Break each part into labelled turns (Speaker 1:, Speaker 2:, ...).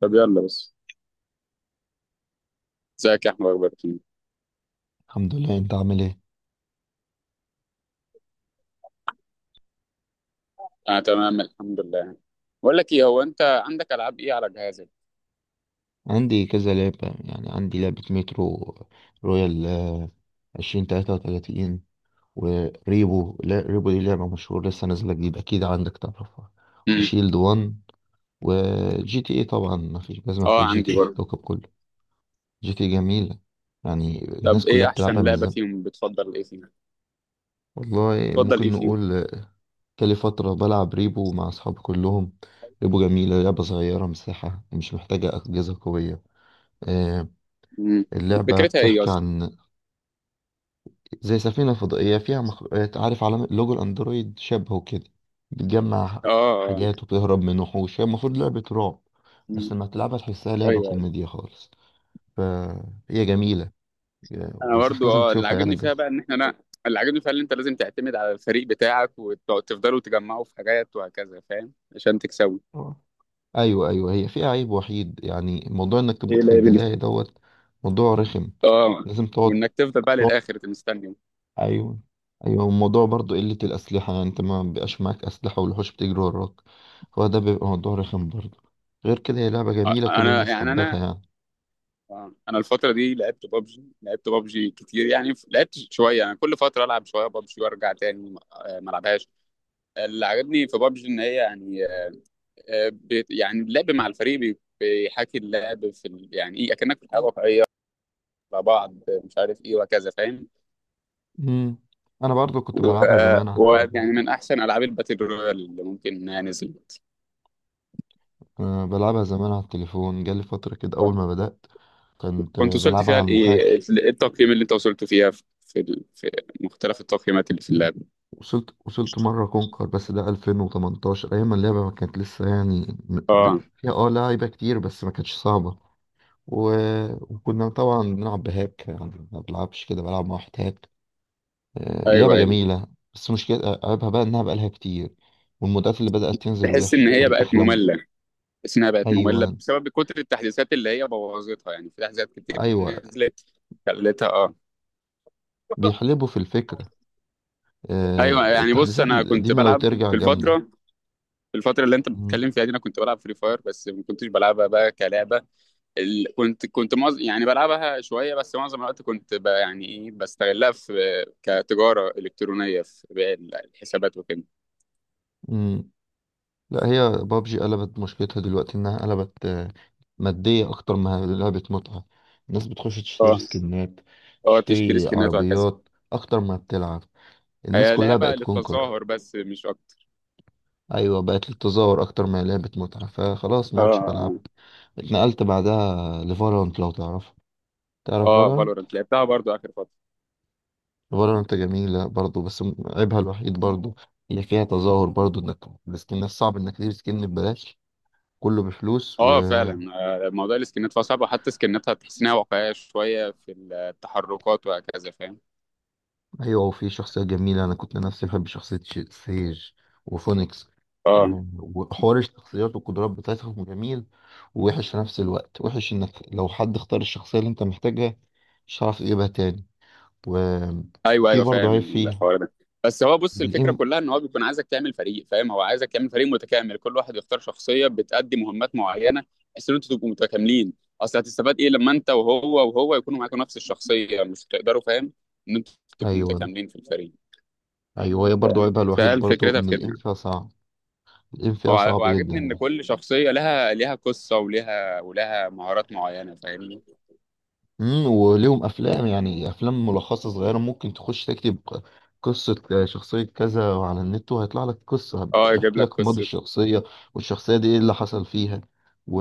Speaker 1: طب يلا بس، ازيك يا احمد، اخبارك إيه؟
Speaker 2: الحمد لله. انت عامل ايه؟
Speaker 1: انا تمام الحمد لله، يعني. بقول لك ايه، هو انت عندك العاب ايه على جهازك؟
Speaker 2: عندي كذا لعبة. يعني عندي لعبة مترو رويال، 2033. وريبو، لا، ريبو دي لعبة مشهورة لسه نازلة جديد، أكيد عندك تعرفها.
Speaker 1: امم.
Speaker 2: وشيلد وان. وجي تي ايه طبعا، مفيش، لازم
Speaker 1: اه
Speaker 2: مفيش جي تي
Speaker 1: عندي
Speaker 2: ايه في
Speaker 1: برضه.
Speaker 2: الكوكب كله. جي تي اي جميلة، يعني الناس
Speaker 1: طب
Speaker 2: كلها
Speaker 1: ايه
Speaker 2: بتلعبها
Speaker 1: احسن
Speaker 2: من
Speaker 1: لعبه
Speaker 2: زمان.
Speaker 1: فيهم؟ بتفضل ايه فيهم؟
Speaker 2: والله
Speaker 1: بتفضل ايه
Speaker 2: ممكن
Speaker 1: فيهم؟
Speaker 2: نقول، كان لي فترة بلعب ريبو مع أصحابي كلهم. ريبو جميلة، لعبة صغيرة مساحة، مش محتاجة أجهزة قوية. آه،
Speaker 1: امم.
Speaker 2: اللعبة
Speaker 1: فكرتها ايه
Speaker 2: بتحكي
Speaker 1: اصلا؟
Speaker 2: عن زي سفينة فضائية فيها مخلوقات، عارف على لوجو الأندرويد شبهه كده. بتجمع
Speaker 1: اه، اه،
Speaker 2: حاجات
Speaker 1: آه.
Speaker 2: وبتهرب من وحوش، هي المفروض لعبة رعب
Speaker 1: مم.
Speaker 2: بس لما تلعبها تحسها لعبة
Speaker 1: ايوه، ايوه.
Speaker 2: كوميديا خالص. فهي جميلة،
Speaker 1: انا
Speaker 2: وأنصحك
Speaker 1: برضه،
Speaker 2: لازم
Speaker 1: اللي
Speaker 2: تشوفها، يعني
Speaker 1: عاجبني
Speaker 2: جرب.
Speaker 1: فيها بقى ان احنا، انا اللي عاجبني فيها ان انت لازم تعتمد على الفريق بتاعك وتفضلوا تجمعوا في حاجات وهكذا، فاهم؟ عشان تكسبوا.
Speaker 2: اه، أيوة أيوة، هي فيها عيب وحيد يعني، موضوع إنك
Speaker 1: ايه
Speaker 2: تموت في
Speaker 1: اللعبه دي؟
Speaker 2: البداية دوت. موضوع رخم،
Speaker 1: اه.
Speaker 2: لازم تقعد.
Speaker 1: وانك تفضل بقى للاخر مستني.
Speaker 2: ايوه ايوه، الموضوع برضو قلة الأسلحة، يعني انت ما بيبقاش معاك أسلحة والوحوش بتجري وراك. هو ده بيبقى موضوع رخم برضو. غير كده هي لعبة جميلة، كل
Speaker 1: انا
Speaker 2: الناس
Speaker 1: يعني
Speaker 2: حبتها
Speaker 1: انا.
Speaker 2: يعني.
Speaker 1: آه. انا الفتره دي لعبت بابجي كتير، يعني لعبت شويه، يعني كل فتره العب شويه بابجي وارجع تاني، ما العبهاش. اللي عجبني في بابجي ان هي يعني يعني اللعب مع الفريق بيحاكي اللعب في يعني ايه، اكنك في الحياه الواقعيه مع بعض، مش عارف ايه وهكذا، فاهم؟
Speaker 2: امم انا برضو كنت بلعبها
Speaker 1: ويعني
Speaker 2: زمان على
Speaker 1: و... ويعني
Speaker 2: التليفون.
Speaker 1: من احسن العاب الباتل رويال اللي ممكن انها نزلت.
Speaker 2: انا بلعبها زمان على التليفون، جالي فترة كده اول ما بدأت كنت
Speaker 1: كنت وصلت
Speaker 2: بلعبها
Speaker 1: فيها
Speaker 2: على
Speaker 1: لايه؟ إيه
Speaker 2: المحاكي.
Speaker 1: التقييم اللي انت وصلت فيها في مختلف التقييمات اللي في اللعبه؟
Speaker 2: وصلت مرة كونكر، بس ده 2018، ايام ما اللعبة ما كانت لسه يعني
Speaker 1: اه.
Speaker 2: فيها لعيبة كتير بس ما كانتش صعبة. و... وكنا طبعا بنلعب بهاك، يعني ما بلعبش كده، بلعب مع واحد هاك.
Speaker 1: ايوه،
Speaker 2: لعبة
Speaker 1: ايوه.
Speaker 2: جميلة، بس مشكلة عيبها بقى إنها بقالها كتير، والمودات اللي بدأت تنزل
Speaker 1: تحس
Speaker 2: وحشة.
Speaker 1: ان هي
Speaker 2: كان
Speaker 1: بقت
Speaker 2: أحلى.
Speaker 1: ممله تحس انها بقت ممله
Speaker 2: أيوة
Speaker 1: بسبب كتر التحديثات اللي هي بوظتها، يعني في تحديثات كتير
Speaker 2: أيوة،
Speaker 1: نزلت خلتها، اه.
Speaker 2: بيحلبوا في الفكرة.
Speaker 1: ايوه، يعني بص،
Speaker 2: التحديثات
Speaker 1: انا كنت
Speaker 2: القديمة لو
Speaker 1: بلعب
Speaker 2: ترجع
Speaker 1: في الفتره
Speaker 2: جامدة.
Speaker 1: في الفتره اللي انت
Speaker 2: مم.
Speaker 1: بتتكلم فيها دي. انا كنت بلعب فري فاير، بس ما كنتش بلعبها بقى كلعبه. ال... كنت كنت معظ... يعني بلعبها شويه، بس معظم الوقت كنت يعني ايه، بستغلها في كتجاره الكترونيه، في بيع الحسابات وكده.
Speaker 2: مم. لا، هي بابجي قلبت مشكلتها دلوقتي، إنها قلبت مادية أكتر ما هي لعبة متعة. الناس بتخش تشتري
Speaker 1: اه.
Speaker 2: سكنات،
Speaker 1: اه. تشتري
Speaker 2: تشتري
Speaker 1: سكنات وهكذا.
Speaker 2: عربيات أكتر ما بتلعب. الناس
Speaker 1: هي
Speaker 2: كلها
Speaker 1: لعبه
Speaker 2: بقت كونكر.
Speaker 1: للتظاهر، بس مش اكتر.
Speaker 2: ايوه بقت للتظاهر اكتر ما هي لعبة متعة، فخلاص ما عدتش
Speaker 1: اه.
Speaker 2: بلعبها. اتنقلت بعدها لفالورانت، لو تعرفها. تعرف
Speaker 1: اه،
Speaker 2: فالورانت؟
Speaker 1: فالورنت لعبتها برضو اخر فتره.
Speaker 2: فالورانت جميلة برضو بس عيبها الوحيد برضو، هي فيها تظاهر برضو، انك السكنات صعب انك تجيب سكن ببلاش، كله بفلوس.
Speaker 1: اه، فعلا. موضوع السكنات فصعب، وحتى سكناتها تحس انها واقعيه شويه في التحركات وهكذا، فاهم؟
Speaker 2: ايوه، وفي شخصيه جميله، انا كنت نفسي بحب شخصيه سيج وفونيكس.
Speaker 1: اه،
Speaker 2: وحوار الشخصيات والقدرات بتاعتهم جميل، ووحش في نفس الوقت. وحش انك لو حد اختار الشخصيه اللي انت محتاجها مش هتعرف تجيبها تاني.
Speaker 1: ايوه،
Speaker 2: وفي
Speaker 1: ايوه،
Speaker 2: برضه
Speaker 1: فاهم
Speaker 2: عيب فيها،
Speaker 1: الحوار ده. بس هو، بص، الفكره
Speaker 2: الام.
Speaker 1: كلها ان هو بيكون عايزك تعمل فريق، فاهم؟ هو عايزك تعمل فريق متكامل، كل واحد يختار شخصيه بتأدي مهمات معينه، بحيث ان انتوا تبقوا متكاملين. اصل هتستفاد ايه لما انت وهو يكونوا معاكم نفس الشخصيه؟ مش هتقدروا، فاهم؟ ان انتوا تبقوا
Speaker 2: ايوه
Speaker 1: متكاملين في الفريق.
Speaker 2: ايوه، هي برضه
Speaker 1: فاهم؟
Speaker 2: عيبها الوحيد
Speaker 1: فهل
Speaker 2: برضه
Speaker 1: فكرتها
Speaker 2: ان
Speaker 1: في كده.
Speaker 2: الام فيها صعب. الام فيها صعب
Speaker 1: وعاجبني ان
Speaker 2: جدا.
Speaker 1: كل شخصيه لها قصه، ولها مهارات معينه، فاهمني؟
Speaker 2: وليهم افلام، يعني افلام ملخصه صغيره، ممكن تخش تكتب قصه شخصيه كذا على النت، وهيطلع لك قصه
Speaker 1: اه، يجيب
Speaker 2: بيحكي
Speaker 1: لك
Speaker 2: لك ماضي
Speaker 1: قصه.
Speaker 2: الشخصيه والشخصيه دي ايه اللي حصل فيها. و...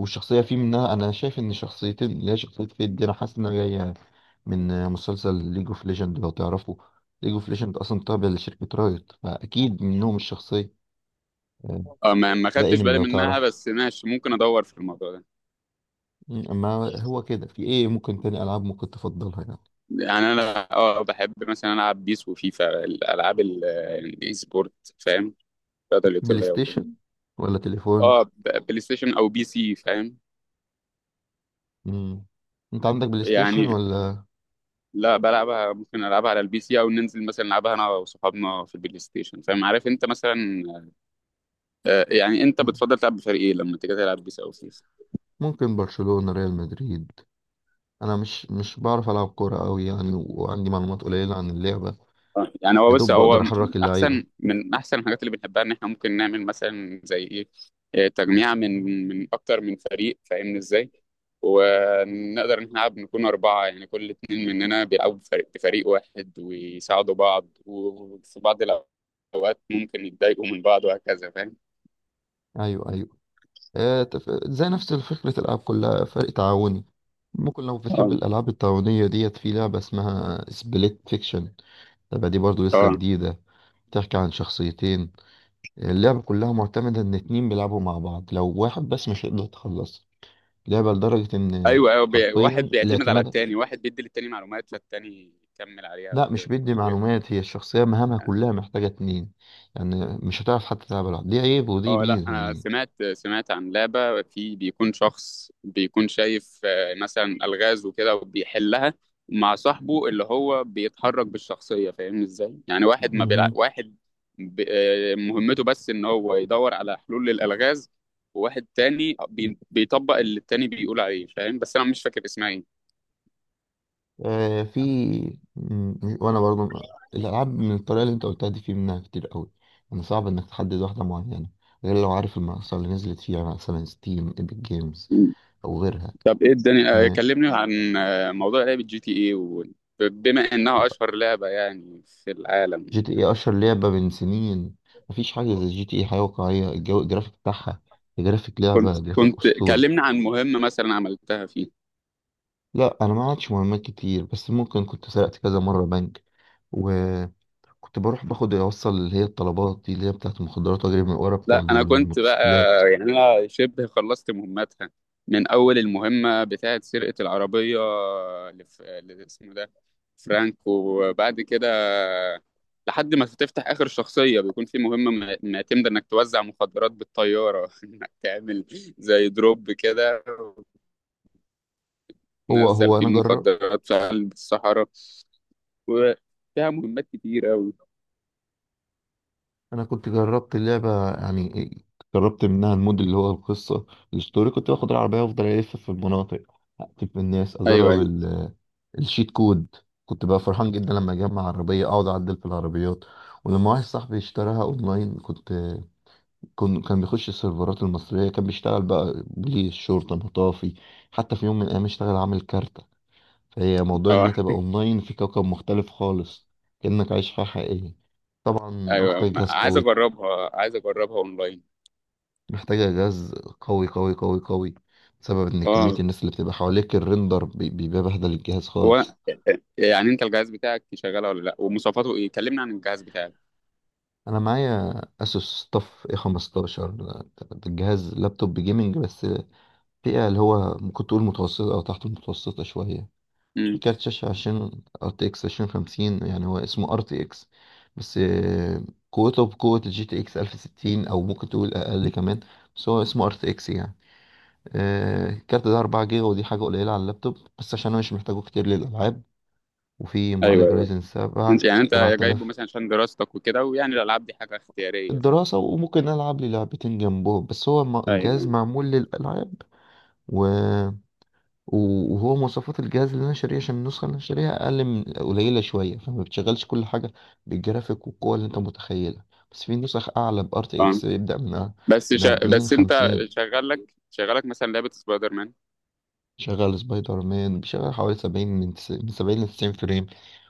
Speaker 2: والشخصيه في منها انا شايف ان شخصيتين، اللي هي شخصيه فيد دي انا حاسس انها جايه من مسلسل ليج اوف ليجند، لو تعرفه. ليج اوف ليجند اصلا تابع لشركه رايت، فاكيد منهم الشخصيه. آه،
Speaker 1: اه، ما
Speaker 2: ده
Speaker 1: خدتش
Speaker 2: انمي،
Speaker 1: بالي
Speaker 2: لو
Speaker 1: منها،
Speaker 2: تعرفه.
Speaker 1: بس ماشي، ممكن ادور في الموضوع ده.
Speaker 2: اما هو كده، في ايه ممكن تاني العاب ممكن تفضلها يعني؟
Speaker 1: يعني انا، بحب مثلا العب بيس وفيفا، الالعاب الاي سبورت، فاهم؟ الرياضه
Speaker 2: بلاي
Speaker 1: الالكترونيه وكده.
Speaker 2: ستيشن ولا تليفون؟
Speaker 1: اه، بلاي ستيشن او بي سي، فاهم؟
Speaker 2: مم. انت عندك بلاي ستيشن
Speaker 1: يعني
Speaker 2: ولا؟
Speaker 1: لا، بلعبها ممكن العبها على البي سي، او ننزل مثلا نلعبها انا وصحابنا في البلاي ستيشن، فاهم؟ عارف انت مثلا. يعني انت
Speaker 2: مم.
Speaker 1: بتفضل تلعب بفريق ايه لما تيجي تلعب بيس او فيفا؟
Speaker 2: ممكن برشلونة، ريال مدريد. انا مش بعرف العب كورة قوي يعني، وعندي معلومات قليلة عن اللعبة.
Speaker 1: يعني هو،
Speaker 2: يا
Speaker 1: بس
Speaker 2: دوب
Speaker 1: هو
Speaker 2: بقدر احرك اللعيبة.
Speaker 1: احسن الحاجات اللي بنحبها، ان احنا ممكن نعمل مثلا زي ايه، إيه، تجميع من اكتر من فريق، فاهمني ازاي؟ ونقدر ان احنا نلعب نكون اربعه، يعني كل اتنين مننا بيلعبوا بفريق واحد ويساعدوا بعض، وفي بعض الاوقات ممكن يتضايقوا من بعض وهكذا، فاهم؟
Speaker 2: ايوه ايوه، زي نفس فكرة الالعاب كلها، فرق تعاوني. ممكن لو بتحب
Speaker 1: اه،
Speaker 2: الالعاب التعاونية ديت، في لعبة اسمها سبليت فيكشن. اللعبة دي برضو لسه
Speaker 1: اه،
Speaker 2: جديدة، بتحكي عن شخصيتين. اللعبة كلها معتمدة ان اتنين بيلعبوا مع بعض، لو واحد بس مش هيقدر يتخلص. لعبة لدرجة إن
Speaker 1: ايوه، ايوه. واحد
Speaker 2: حرفيا
Speaker 1: بيعتمد على
Speaker 2: الاعتماد.
Speaker 1: التاني، واحد بيدي للتاني معلومات فالتاني يكمل عليها
Speaker 2: لا،
Speaker 1: وكده.
Speaker 2: مش بيدي معلومات، هي الشخصية مهامها كلها محتاجة اتنين. يعني مش هتعرف حتى تلعب لوحدك، دي عيب ودي
Speaker 1: اه، لا،
Speaker 2: ميزة
Speaker 1: انا
Speaker 2: يعني.
Speaker 1: سمعت عن لعبه في بيكون شخص بيكون شايف مثلا الغاز وكده وبيحلها مع صاحبه اللي هو بيتحرك بالشخصيه، فاهمني ازاي؟ يعني واحد ما بيلع...
Speaker 2: مهم.
Speaker 1: واحد ب... آه، مهمته بس ان هو يدور على حلول للالغاز، وواحد تاني بيطبق اللي التاني بيقول عليه، فاهم؟ بس انا مش فاكر اسمها ايه.
Speaker 2: آه في وأنا برضو الألعاب من الطريقة اللي أنت قلتها دي في منها كتير قوي، يعني صعب إنك تحدد واحدة معينة، غير لو عارف المنصة اللي نزلت فيها، مثلا ستيم، ايبك جيمز، أو غيرها.
Speaker 1: طب ايه الدنيا،
Speaker 2: آه
Speaker 1: كلمني عن موضوع لعبه جي تي اي بما انها اشهر لعبه يعني في العالم.
Speaker 2: جي تي اي اشهر لعبه من سنين. مفيش حاجه زي جي تي اي، حاجه واقعيه، الجو، الجرافيك بتاعها، جرافيك
Speaker 1: كنت
Speaker 2: لعبه، جرافيك
Speaker 1: كنت
Speaker 2: اسطوري.
Speaker 1: كلمنا عن مهمة مثلا عملتها فيه.
Speaker 2: لا، انا ما عادش مهمات كتير، بس ممكن كنت سرقت كذا مره بنك. وكنت بروح باخد، اوصل اللي هي الطلبات دي اللي هي بتاعت المخدرات، واجري من ورا بتوع
Speaker 1: لا، أنا كنت بقى،
Speaker 2: الموتوسيكلات.
Speaker 1: يعني أنا شبه خلصت مهمتها. من أول المهمة بتاعة سرقة العربية، اللي اسمه ده فرانك، وبعد كده لحد ما تفتح آخر شخصية، بيكون في مهمة معتمدة إنك توزع مخدرات بالطيارة إنك تعمل زي دروب كده،
Speaker 2: هو
Speaker 1: وتنزل
Speaker 2: هو
Speaker 1: فيه
Speaker 2: انا جرب.
Speaker 1: المخدرات في قلب الصحراء، وفيها مهمات كتير أوي.
Speaker 2: انا كنت جربت اللعبه يعني، جربت منها المود اللي هو القصه، الستوري. كنت باخد العربيه وافضل الف في المناطق، اقتل في الناس،
Speaker 1: أيوه،
Speaker 2: اجرب
Speaker 1: أيوه.
Speaker 2: الشيت كود. كنت بقى فرحان جدا لما اجمع عربيه، اقعد اعدل في العربيات. ولما واحد صاحبي اشتراها اونلاين، كنت كان بيخش السيرفرات المصريه، كان بيشتغل بقى بوليس، شرطه، مطافي. حتى في يوم من الايام اشتغل عامل كارته. فهي موضوع
Speaker 1: آه.
Speaker 2: انها تبقى اونلاين في كوكب مختلف خالص، كانك عايش حياه حقيقيه. طبعا
Speaker 1: ايوه،
Speaker 2: محتاج جهاز
Speaker 1: عايز
Speaker 2: قوي،
Speaker 1: اجربها عايز اجربها اونلاين.
Speaker 2: محتاجة جهاز قوي قوي قوي قوي، بسبب ان كمية
Speaker 1: اه،
Speaker 2: الناس اللي بتبقى حواليك، الريندر بيبقى بهدل الجهاز
Speaker 1: هو
Speaker 2: خالص.
Speaker 1: يعني انت الجهاز بتاعك شغاله ولا لا؟ ومواصفاته ايه؟ كلمنا عن الجهاز بتاعك.
Speaker 2: انا معايا اسوس طف اي 15 ده. ده الجهاز لابتوب جيمنج بس، فئة اللي هو ممكن تقول متوسطة او تحت المتوسطة شوية. في
Speaker 1: امم.
Speaker 2: كارت شاشة، عشان ار تي اكس 2050، يعني هو اسمه ار تي اكس بس، قوته بقوة الجي تي اكس 1060، او ممكن تقول اقل كمان، بس هو اسمه ار تي اكس يعني. الكارت ده 4 جيجا، ودي حاجة قليلة على اللابتوب، بس عشان أنا مش محتاجه كتير للألعاب. وفي
Speaker 1: ايوه،
Speaker 2: معالج
Speaker 1: ايوه.
Speaker 2: رايزن
Speaker 1: انت
Speaker 2: 7
Speaker 1: يعني انت جايبه
Speaker 2: 7000.
Speaker 1: مثلا عشان دراستك وكده، ويعني الالعاب دي حاجه اختياريه، فاهم؟
Speaker 2: الدراسة وممكن ألعب لي لعبتين جنبه، بس هو الجهاز
Speaker 1: ايوه.
Speaker 2: معمول للألعاب. و... وهو مواصفات الجهاز اللي أنا شاريه، عشان النسخة اللي أنا شاريها أقل من قليلة شوية فما بتشغلش كل حاجة بالجرافيك والقوة اللي أنت متخيلها. بس في نسخ أعلى ب
Speaker 1: اه،
Speaker 2: RTX، بيبدأ من من 40،
Speaker 1: بس انت
Speaker 2: 50.
Speaker 1: شغالك مثلا لعبه سبايدر مان.
Speaker 2: شغال سبايدر مان، بيشغل حوالي 70، من من 70-90 فريم.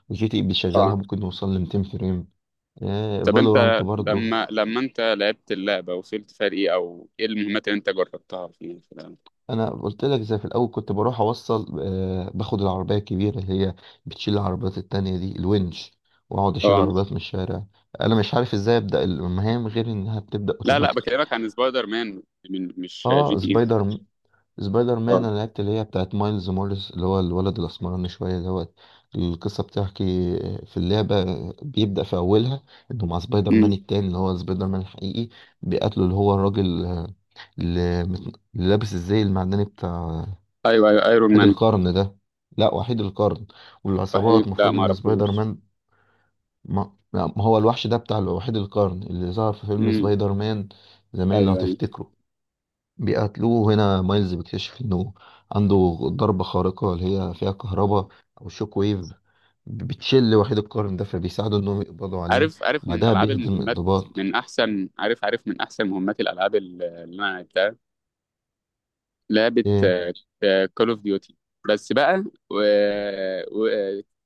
Speaker 2: وجي تي بيشغلها
Speaker 1: اه.
Speaker 2: ممكن نوصل لـ200 فريم.
Speaker 1: طب
Speaker 2: فالورانت
Speaker 1: انت
Speaker 2: برضو.
Speaker 1: لما انت لعبت اللعبه، وصلت فرق ايه او ايه المهمات اللي انت جربتها فيها في اللعبة؟
Speaker 2: أنا قلت لك زي في الأول، كنت بروح، أوصل باخد العربية الكبيرة اللي هي بتشيل العربيات التانية، دي الونش. وأقعد أشيل
Speaker 1: اه،
Speaker 2: العربيات من الشارع. أنا مش عارف إزاي أبدأ المهام غير إنها بتبدأ
Speaker 1: لا، لا،
Speaker 2: أوتوماتيك.
Speaker 1: بكلمك عن سبايدر مان، من مش جي
Speaker 2: أه
Speaker 1: تي اي.
Speaker 2: سبايدر سبايدر مان
Speaker 1: اه.
Speaker 2: انا لعبت اللي هي بتاعت مايلز موريس، اللي هو الولد الاسمراني شويه دوت. القصه بتحكي في اللعبه، بيبدا في اولها انه مع سبايدر مان
Speaker 1: امم.
Speaker 2: التاني اللي هو سبايدر مان الحقيقي، بيقاتله اللي هو الراجل، اللي اللي لابس الزي المعدني بتاع
Speaker 1: ايوه، ايوه، ايرون
Speaker 2: وحيد
Speaker 1: مان.
Speaker 2: القرن ده. لا، وحيد القرن والعصابات
Speaker 1: صحيح، لا
Speaker 2: المفروض
Speaker 1: ما
Speaker 2: ان سبايدر
Speaker 1: اعرفوش.
Speaker 2: مان، ما لا، ما هو الوحش ده بتاع وحيد القرن اللي ظهر في فيلم
Speaker 1: امم.
Speaker 2: سبايدر مان زمان، لو
Speaker 1: ايوه، ايوه.
Speaker 2: تفتكروا. بيقتلوه، هنا مايلز بيكتشف انه عنده ضربة خارقة اللي هي فيها كهرباء او شوك ويف، بتشل وحيد القرن ده، فبيساعدوا انهم يقبضوا عليه.
Speaker 1: عارف، عارف من
Speaker 2: وبعدها
Speaker 1: العاب
Speaker 2: بيهدم
Speaker 1: المهمات.
Speaker 2: الضباط.
Speaker 1: من احسن، عارف، عارف من احسن مهمات الالعاب اللي انا لعبتها. لعبه
Speaker 2: ايه.
Speaker 1: كول اوف ديوتي، بس بقى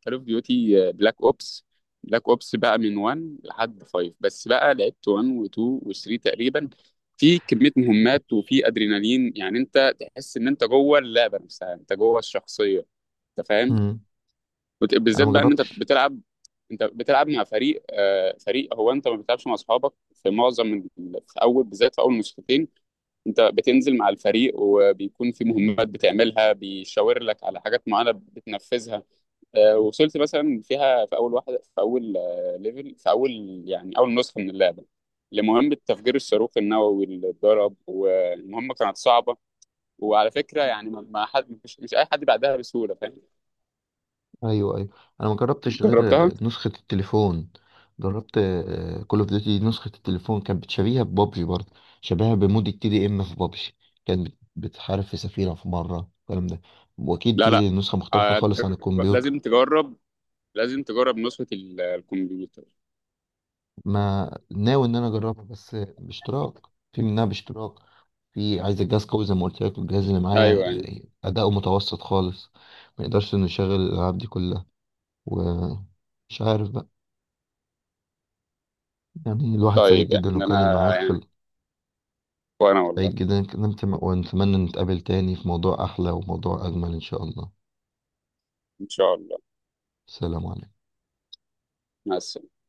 Speaker 1: كول اوف ديوتي بلاك اوبس. بلاك اوبس بقى من 1 لحد 5، بس بقى لعبت 1 و2 و3 تقريبا. في كميه مهمات وفي ادرينالين، يعني انت تحس ان انت جوه اللعبه نفسها، انت جوه الشخصيه، انت فاهم؟
Speaker 2: مم. انا
Speaker 1: بالذات
Speaker 2: ما
Speaker 1: بقى ان انت
Speaker 2: جربتش.
Speaker 1: بتلعب انت بتلعب مع فريق. هو انت ما بتلعبش مع اصحابك في معظم في اول، بالذات في اول نسختين. انت بتنزل مع الفريق، وبيكون في مهمات بتعملها بيشاور لك على حاجات معينه بتنفذها. وصلت مثلا فيها في اول واحده، في اول ليفل، في اول يعني اول نسخه من اللعبه، لمهمه تفجير الصاروخ النووي اللي اتضرب، والمهمه كانت صعبه، وعلى فكره يعني ما حد مش اي حد بعدها بسهوله، فاهم؟
Speaker 2: ايوه ايوه، انا ما جربتش غير
Speaker 1: جربتها.
Speaker 2: نسخة التليفون. جربت كول اوف ديوتي نسخة التليفون، كانت بتشبيهها ببابجي برضه، شبيهها بمود التي دي ام في بابجي. كانت بتحارب في سفينة في مرة الكلام ده. واكيد
Speaker 1: لا، لا.
Speaker 2: دي نسخة مختلفة
Speaker 1: آه،
Speaker 2: خالص عن
Speaker 1: ت-
Speaker 2: الكمبيوتر.
Speaker 1: لازم تجرب لازم تجرب نسخة الكمبيوتر.
Speaker 2: ما ناوي ان انا اجربها بس باشتراك، في منها باشتراك. في، عايز الجهاز قوي زي ما قلت لك، والجهاز اللي معايا
Speaker 1: ايوه، يعني
Speaker 2: اداؤه متوسط خالص، ما يقدرش انه يشغل الالعاب دي كلها. ومش عارف بقى. يعني الواحد سعيد
Speaker 1: طيب، يعني
Speaker 2: جدا انه اتكلم
Speaker 1: انا،
Speaker 2: معاك
Speaker 1: يعني وانا، والله
Speaker 2: سعيد جدا إني اتكلمت ونتمنى نتقابل تاني في موضوع احلى وموضوع اجمل ان شاء الله.
Speaker 1: ان شاء الله.
Speaker 2: سلام عليكم.
Speaker 1: مع السلامة.